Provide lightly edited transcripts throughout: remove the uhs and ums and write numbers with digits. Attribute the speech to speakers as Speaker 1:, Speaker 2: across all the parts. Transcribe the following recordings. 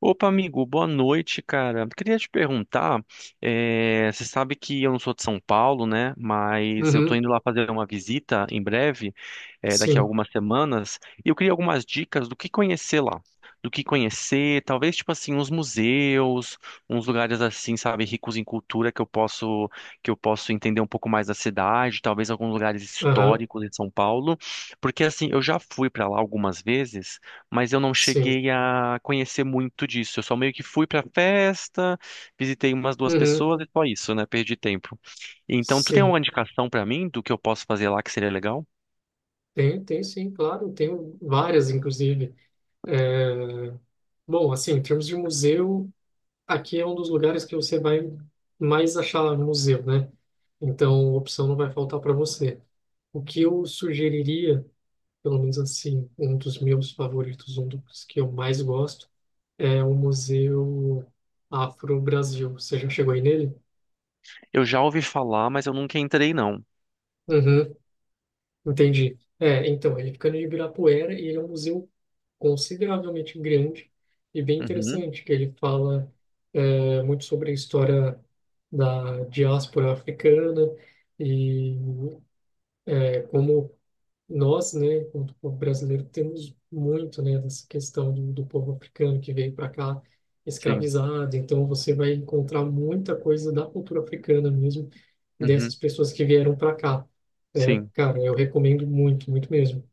Speaker 1: Opa, amigo, boa noite, cara. Queria te perguntar, você sabe que eu não sou de São Paulo, né? Mas eu tô
Speaker 2: Uhum,
Speaker 1: indo lá fazer uma visita em breve, daqui a
Speaker 2: sim,
Speaker 1: algumas semanas, e eu queria algumas dicas do que conhecer lá. Do que conhecer, talvez, tipo assim, uns museus, uns lugares assim, sabe, ricos em cultura que eu posso entender um pouco mais da cidade, talvez alguns lugares
Speaker 2: aham,
Speaker 1: históricos de São Paulo, porque assim, eu já fui pra lá algumas vezes mas eu não
Speaker 2: sim,
Speaker 1: cheguei a conhecer muito disso. Eu só meio que fui pra festa, visitei umas duas
Speaker 2: uhum,
Speaker 1: pessoas e só isso, né? Perdi tempo. Então, tu tem alguma
Speaker 2: sim,
Speaker 1: indicação pra mim do que eu posso fazer lá que seria legal?
Speaker 2: tem sim, claro, tenho várias, inclusive. É, bom, assim, em termos de museu, aqui é um dos lugares que você vai mais achar museu, né? Então, opção não vai faltar para você. O que eu sugeriria, pelo menos assim, um dos meus favoritos, um dos que eu mais gosto, é o Museu Afro-Brasil. Você já chegou aí nele?
Speaker 1: Eu já ouvi falar, mas eu nunca entrei, não.
Speaker 2: Entendi. É, então, ele fica no Ibirapuera e ele é um museu consideravelmente grande e bem
Speaker 1: Uhum,
Speaker 2: interessante, que ele fala muito sobre a história da diáspora africana e nós, né, enquanto povo brasileiro, temos muito, né, dessa questão do povo africano que veio para cá
Speaker 1: sim.
Speaker 2: escravizado. Então, você vai encontrar muita coisa da cultura africana mesmo,
Speaker 1: Uhum,
Speaker 2: dessas pessoas que vieram para cá. É,
Speaker 1: sim.
Speaker 2: cara, eu recomendo muito, muito mesmo.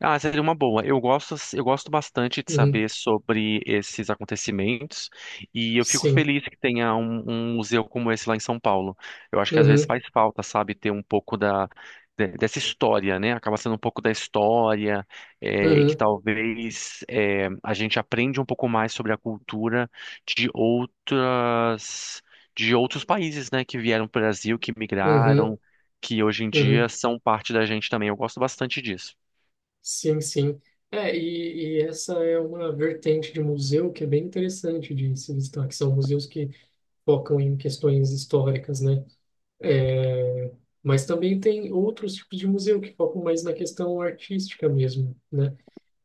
Speaker 1: Ah, seria uma boa. Eu gosto bastante de
Speaker 2: Uhum,
Speaker 1: saber sobre esses acontecimentos e eu fico
Speaker 2: sim.
Speaker 1: feliz que tenha um museu como esse lá em São Paulo. Eu acho que às vezes
Speaker 2: Uhum,
Speaker 1: faz falta, sabe, ter um pouco da, dessa história, né? Acaba sendo um pouco da história e que
Speaker 2: uhum,
Speaker 1: a gente aprende um pouco mais sobre a cultura de outras, de outros países, né, que vieram para o Brasil, que
Speaker 2: uhum,
Speaker 1: migraram, que hoje em
Speaker 2: uhum.
Speaker 1: dia são parte da gente também. Eu gosto bastante disso.
Speaker 2: Sim, sim. É, e essa é uma vertente de museu que é bem interessante de se visitar, que são museus que focam em questões históricas, né? É, mas também tem outros tipos de museu que focam mais na questão artística mesmo, né?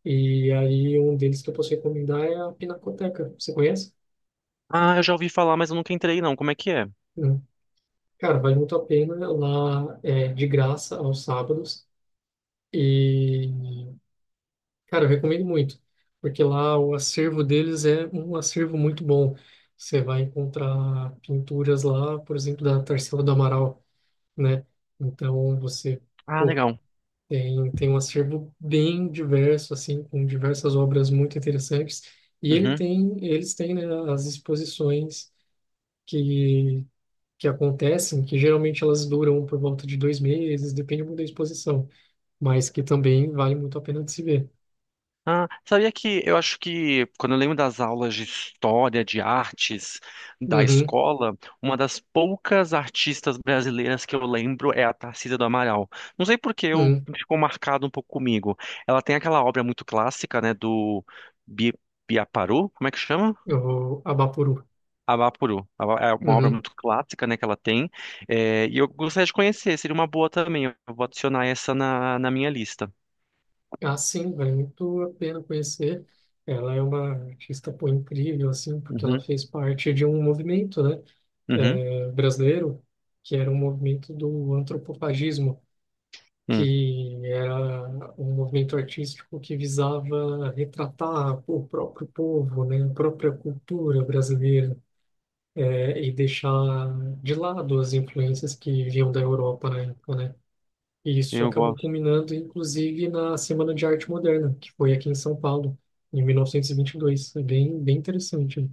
Speaker 2: E aí um deles que eu posso recomendar é a Pinacoteca. Você conhece?
Speaker 1: Ah, eu já ouvi falar, mas eu nunca entrei, não. Como é que é?
Speaker 2: Não. Cara, vale muito a pena. Lá é de graça aos sábados. E, cara, eu recomendo muito, porque lá o acervo deles é um acervo muito bom. Você vai encontrar pinturas lá, por exemplo, da Tarsila do Amaral, né? Então você,
Speaker 1: Ah,
Speaker 2: pô,
Speaker 1: legal.
Speaker 2: tem um acervo bem diverso, assim, com diversas obras muito interessantes. E ele
Speaker 1: Uhum.
Speaker 2: tem, eles têm, né, as exposições que, que acontecem, que geralmente elas duram por volta de 2 meses, depende muito da exposição, mas que também vale muito a pena de se ver.
Speaker 1: Ah, sabia que eu acho que quando eu lembro das aulas de história, de artes da
Speaker 2: Uhum,
Speaker 1: escola, uma das poucas artistas brasileiras que eu lembro é a Tarsila do Amaral. Não sei por que eu
Speaker 2: uhum,
Speaker 1: ficou marcado um pouco comigo. Ela tem aquela obra muito clássica, né, do Bi Biaparu, como é que chama?
Speaker 2: o Abapuru.
Speaker 1: Avapuru. É uma obra
Speaker 2: Uhum.
Speaker 1: muito clássica, né, que ela tem. É, e eu gostaria de conhecer, seria uma boa também. Eu vou adicionar essa na minha lista.
Speaker 2: Ah, sim, vale muito a pena conhecer. Ela é uma artista, pô, incrível, assim, porque ela
Speaker 1: Uhum,
Speaker 2: fez parte de um movimento, né?
Speaker 1: uhum,
Speaker 2: Brasileiro, que era um movimento do antropofagismo,
Speaker 1: hum.
Speaker 2: que era um movimento artístico que visava retratar o próprio povo, né, a própria cultura brasileira, e deixar de lado as influências que vinham da Europa na época, né? E isso
Speaker 1: Eu
Speaker 2: acabou
Speaker 1: gosto.
Speaker 2: culminando, inclusive, na Semana de Arte Moderna, que foi aqui em São Paulo, em 1922. É bem, bem interessante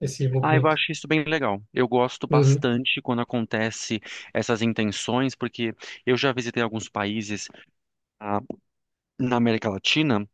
Speaker 2: esse
Speaker 1: Ah, eu
Speaker 2: movimento.
Speaker 1: acho isso bem legal. Eu gosto
Speaker 2: Uhum,
Speaker 1: bastante quando acontece essas intenções, porque eu já visitei alguns países, ah, na América Latina.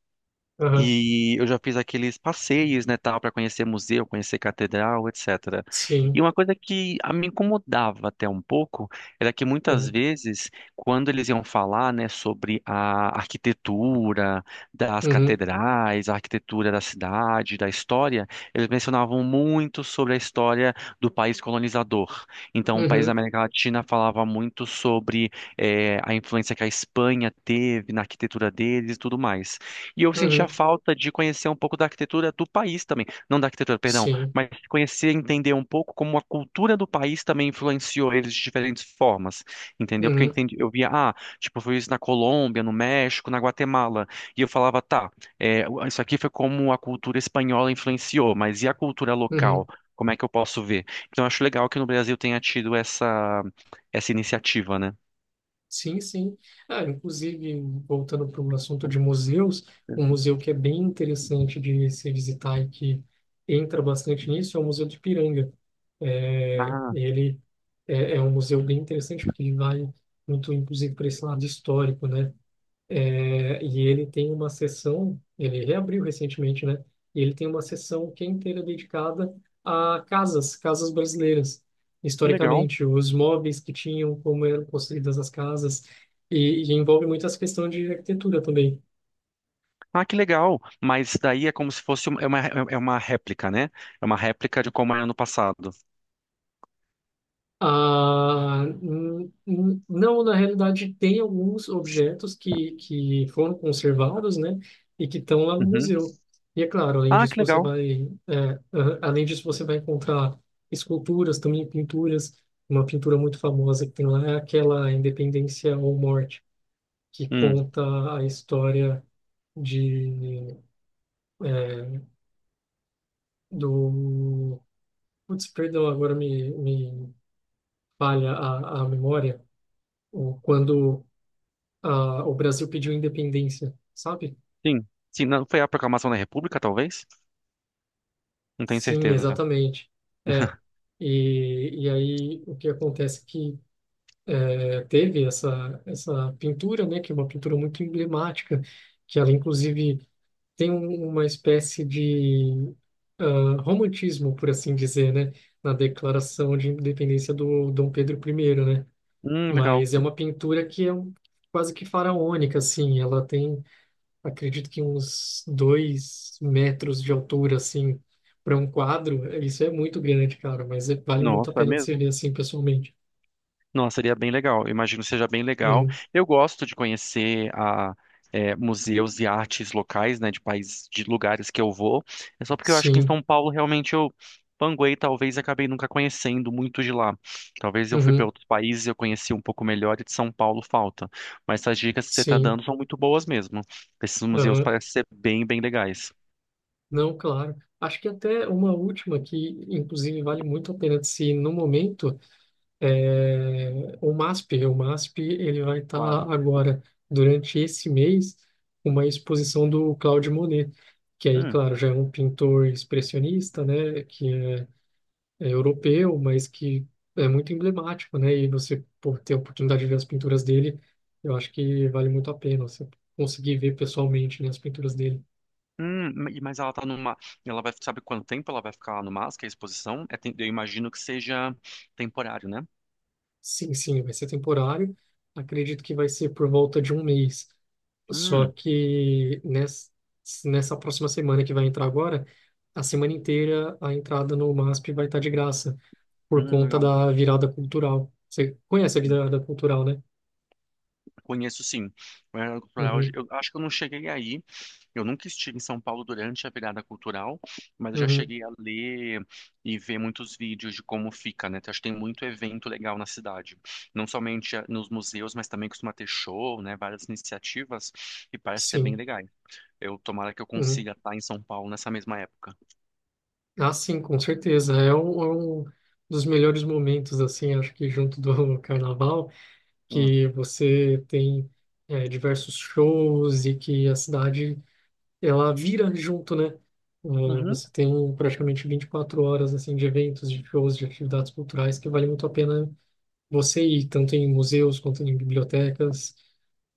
Speaker 2: aham,
Speaker 1: E eu já fiz aqueles passeios, né, tal, para conhecer museu, conhecer catedral, etc. E
Speaker 2: sim.
Speaker 1: uma coisa que me incomodava até um pouco era que muitas
Speaker 2: Uhum,
Speaker 1: vezes, quando eles iam falar, né, sobre a arquitetura das
Speaker 2: uhum.
Speaker 1: catedrais, a arquitetura da cidade, da história, eles mencionavam muito sobre a história do país colonizador. Então, o país da
Speaker 2: Uhum,
Speaker 1: América Latina falava muito sobre a influência que a Espanha teve na arquitetura deles e tudo mais. E eu sentia
Speaker 2: uhum,
Speaker 1: falta de conhecer um pouco da arquitetura do país também. Não da arquitetura, perdão,
Speaker 2: sim,
Speaker 1: mas conhecer, entender um pouco como a cultura do país também influenciou eles de diferentes formas, entendeu? Porque eu
Speaker 2: uhum,
Speaker 1: entendi, eu via, ah, tipo, eu vi isso na Colômbia, no México, na Guatemala, e eu falava, tá, isso aqui foi como a cultura espanhola influenciou, mas e a cultura local?
Speaker 2: uhum,
Speaker 1: Como é que eu posso ver? Então, eu acho legal que no Brasil tenha tido essa iniciativa, né?
Speaker 2: sim, sim. Ah, inclusive, voltando para o assunto de museus, um museu que é bem interessante de se visitar e que entra bastante nisso é o Museu de Ipiranga. É,
Speaker 1: Ah,
Speaker 2: ele é um museu bem interessante porque ele vai muito, inclusive, para esse lado histórico, né? É, e ele tem uma sessão, ele reabriu recentemente, né? E ele tem uma sessão que é inteira dedicada a casas, casas brasileiras.
Speaker 1: que legal.
Speaker 2: Historicamente, os móveis que tinham, como eram construídas as casas, e envolve muito essa questão de arquitetura também.
Speaker 1: Ah, que legal! Mas daí é como se é uma réplica, né? É uma réplica de como era no passado.
Speaker 2: Ah, não, na realidade, tem alguns objetos que foram conservados, né, e que estão lá no
Speaker 1: Uhum.
Speaker 2: museu. E é claro, além
Speaker 1: Ah,
Speaker 2: disso,
Speaker 1: que
Speaker 2: você
Speaker 1: legal!
Speaker 2: vai, é, ah, além disso, você vai encontrar esculturas, também pinturas. Uma pintura muito famosa que tem lá é aquela Independência ou Morte, que
Speaker 1: Hum,
Speaker 2: conta a história de, é, do... Putz, perdão, agora me falha a memória. Quando o Brasil pediu independência, sabe?
Speaker 1: sim. Sim, não foi a proclamação da República, talvez? Não tenho
Speaker 2: Sim,
Speaker 1: certeza.
Speaker 2: exatamente. É. E aí o que acontece é que teve essa pintura, né, que é uma pintura muito emblemática, que ela inclusive tem uma espécie de romantismo, por assim dizer, né, na declaração de independência do Dom Pedro I, né?
Speaker 1: Legal.
Speaker 2: Mas é uma pintura que é quase que faraônica, assim. Ela tem acredito que uns 2 metros de altura, assim, para um quadro, isso é muito grande, cara, mas vale muito a
Speaker 1: Nossa, é
Speaker 2: pena de se
Speaker 1: mesmo?
Speaker 2: ver assim pessoalmente.
Speaker 1: Nossa, seria bem legal. Eu imagino que seja bem legal.
Speaker 2: Uhum.
Speaker 1: Eu gosto de museus e artes locais, né, de países, de lugares que eu vou. É só porque eu acho que em
Speaker 2: Sim,
Speaker 1: São Paulo realmente eu panguei, talvez acabei nunca conhecendo muito de lá. Talvez eu fui para
Speaker 2: uhum.
Speaker 1: outros países e eu conheci um pouco melhor e de São Paulo falta. Mas essas dicas que você está
Speaker 2: Sim,
Speaker 1: dando são muito boas mesmo. Esses museus
Speaker 2: aham.
Speaker 1: parecem ser bem, bem legais.
Speaker 2: Não, claro. Acho que até uma última que, inclusive, vale muito a pena de se ir no momento, é o MASP. O MASP, ele vai estar
Speaker 1: Claro.
Speaker 2: agora, durante esse mês, uma exposição do Claude Monet, que aí, claro, já é um pintor expressionista, né, que europeu, mas que é muito emblemático, né? E você por ter a oportunidade de ver as pinturas dele, eu acho que vale muito a pena você conseguir ver pessoalmente, né, as pinturas dele.
Speaker 1: Mas ela tá numa. Ela vai. Sabe quanto tempo ela vai ficar lá no MASP, que é a exposição? Eu imagino que seja temporário, né?
Speaker 2: Sim, sim, vai ser temporário. Acredito que vai ser por volta de um mês. Só
Speaker 1: Hum,
Speaker 2: que nessa próxima semana que vai entrar agora, a semana inteira a entrada no MASP vai estar de graça, por conta
Speaker 1: legal.
Speaker 2: da virada cultural. Você conhece a
Speaker 1: Hum,
Speaker 2: virada cultural, né?
Speaker 1: Conheço sim. O Virada Cultural,
Speaker 2: Uhum,
Speaker 1: eu acho que eu não cheguei aí. Eu nunca estive em São Paulo durante a virada cultural, mas eu já
Speaker 2: uhum,
Speaker 1: cheguei a ler e ver muitos vídeos de como fica, né? Então, acho que tem muito evento legal na cidade. Não somente nos museus, mas também costuma ter show, né? Várias iniciativas e parece ser bem
Speaker 2: sim.
Speaker 1: legal. Eu tomara que eu
Speaker 2: Uhum.
Speaker 1: consiga estar em São Paulo nessa mesma época.
Speaker 2: Ah, sim, com certeza. É um dos melhores momentos, assim, acho que junto do carnaval,
Speaker 1: Hum.
Speaker 2: que você tem diversos shows e que a cidade, ela vira junto, né? É,
Speaker 1: Uhum.
Speaker 2: você tem praticamente 24 horas, assim, de eventos, de shows, de atividades culturais que vale muito a pena você ir, tanto em museus quanto em bibliotecas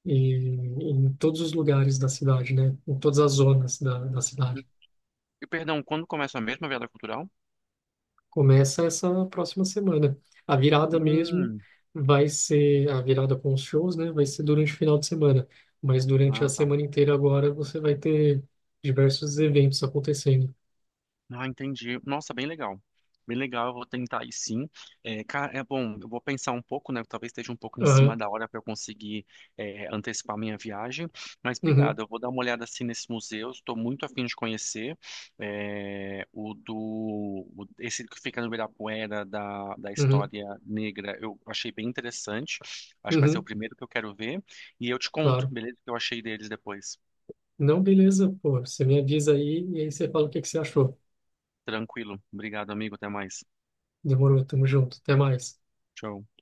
Speaker 2: e em todos os lugares da cidade, né? Em todas as zonas da
Speaker 1: Uhum.
Speaker 2: cidade.
Speaker 1: E perdão, quando começa a mesma virada cultural?
Speaker 2: Começa essa próxima semana. A virada mesmo
Speaker 1: Hum.
Speaker 2: vai ser a virada com os shows, né? Vai ser durante o final de semana, mas durante
Speaker 1: Ah,
Speaker 2: a
Speaker 1: tá.
Speaker 2: semana inteira agora você vai ter diversos eventos acontecendo.
Speaker 1: Ah, entendi. Nossa, bem legal. Bem legal, eu vou tentar aí sim. É bom, eu vou pensar um pouco, né? Talvez esteja um pouco em cima
Speaker 2: Aham,
Speaker 1: da hora para eu conseguir antecipar minha viagem. Mas
Speaker 2: uhum,
Speaker 1: obrigado, eu vou dar uma olhada assim nesses museus. Estou muito afim de conhecer esse que fica no Ibirapuera da
Speaker 2: uhum,
Speaker 1: história negra. Eu achei bem interessante. Acho que vai ser o
Speaker 2: uhum,
Speaker 1: primeiro que eu quero ver. E eu te conto,
Speaker 2: claro.
Speaker 1: beleza? O que eu achei deles depois.
Speaker 2: Não, beleza, pô. Você me avisa aí e aí você fala o que que você achou.
Speaker 1: Tranquilo. Obrigado, amigo. Até mais.
Speaker 2: Demorou, tamo junto. Até mais.
Speaker 1: Tchau.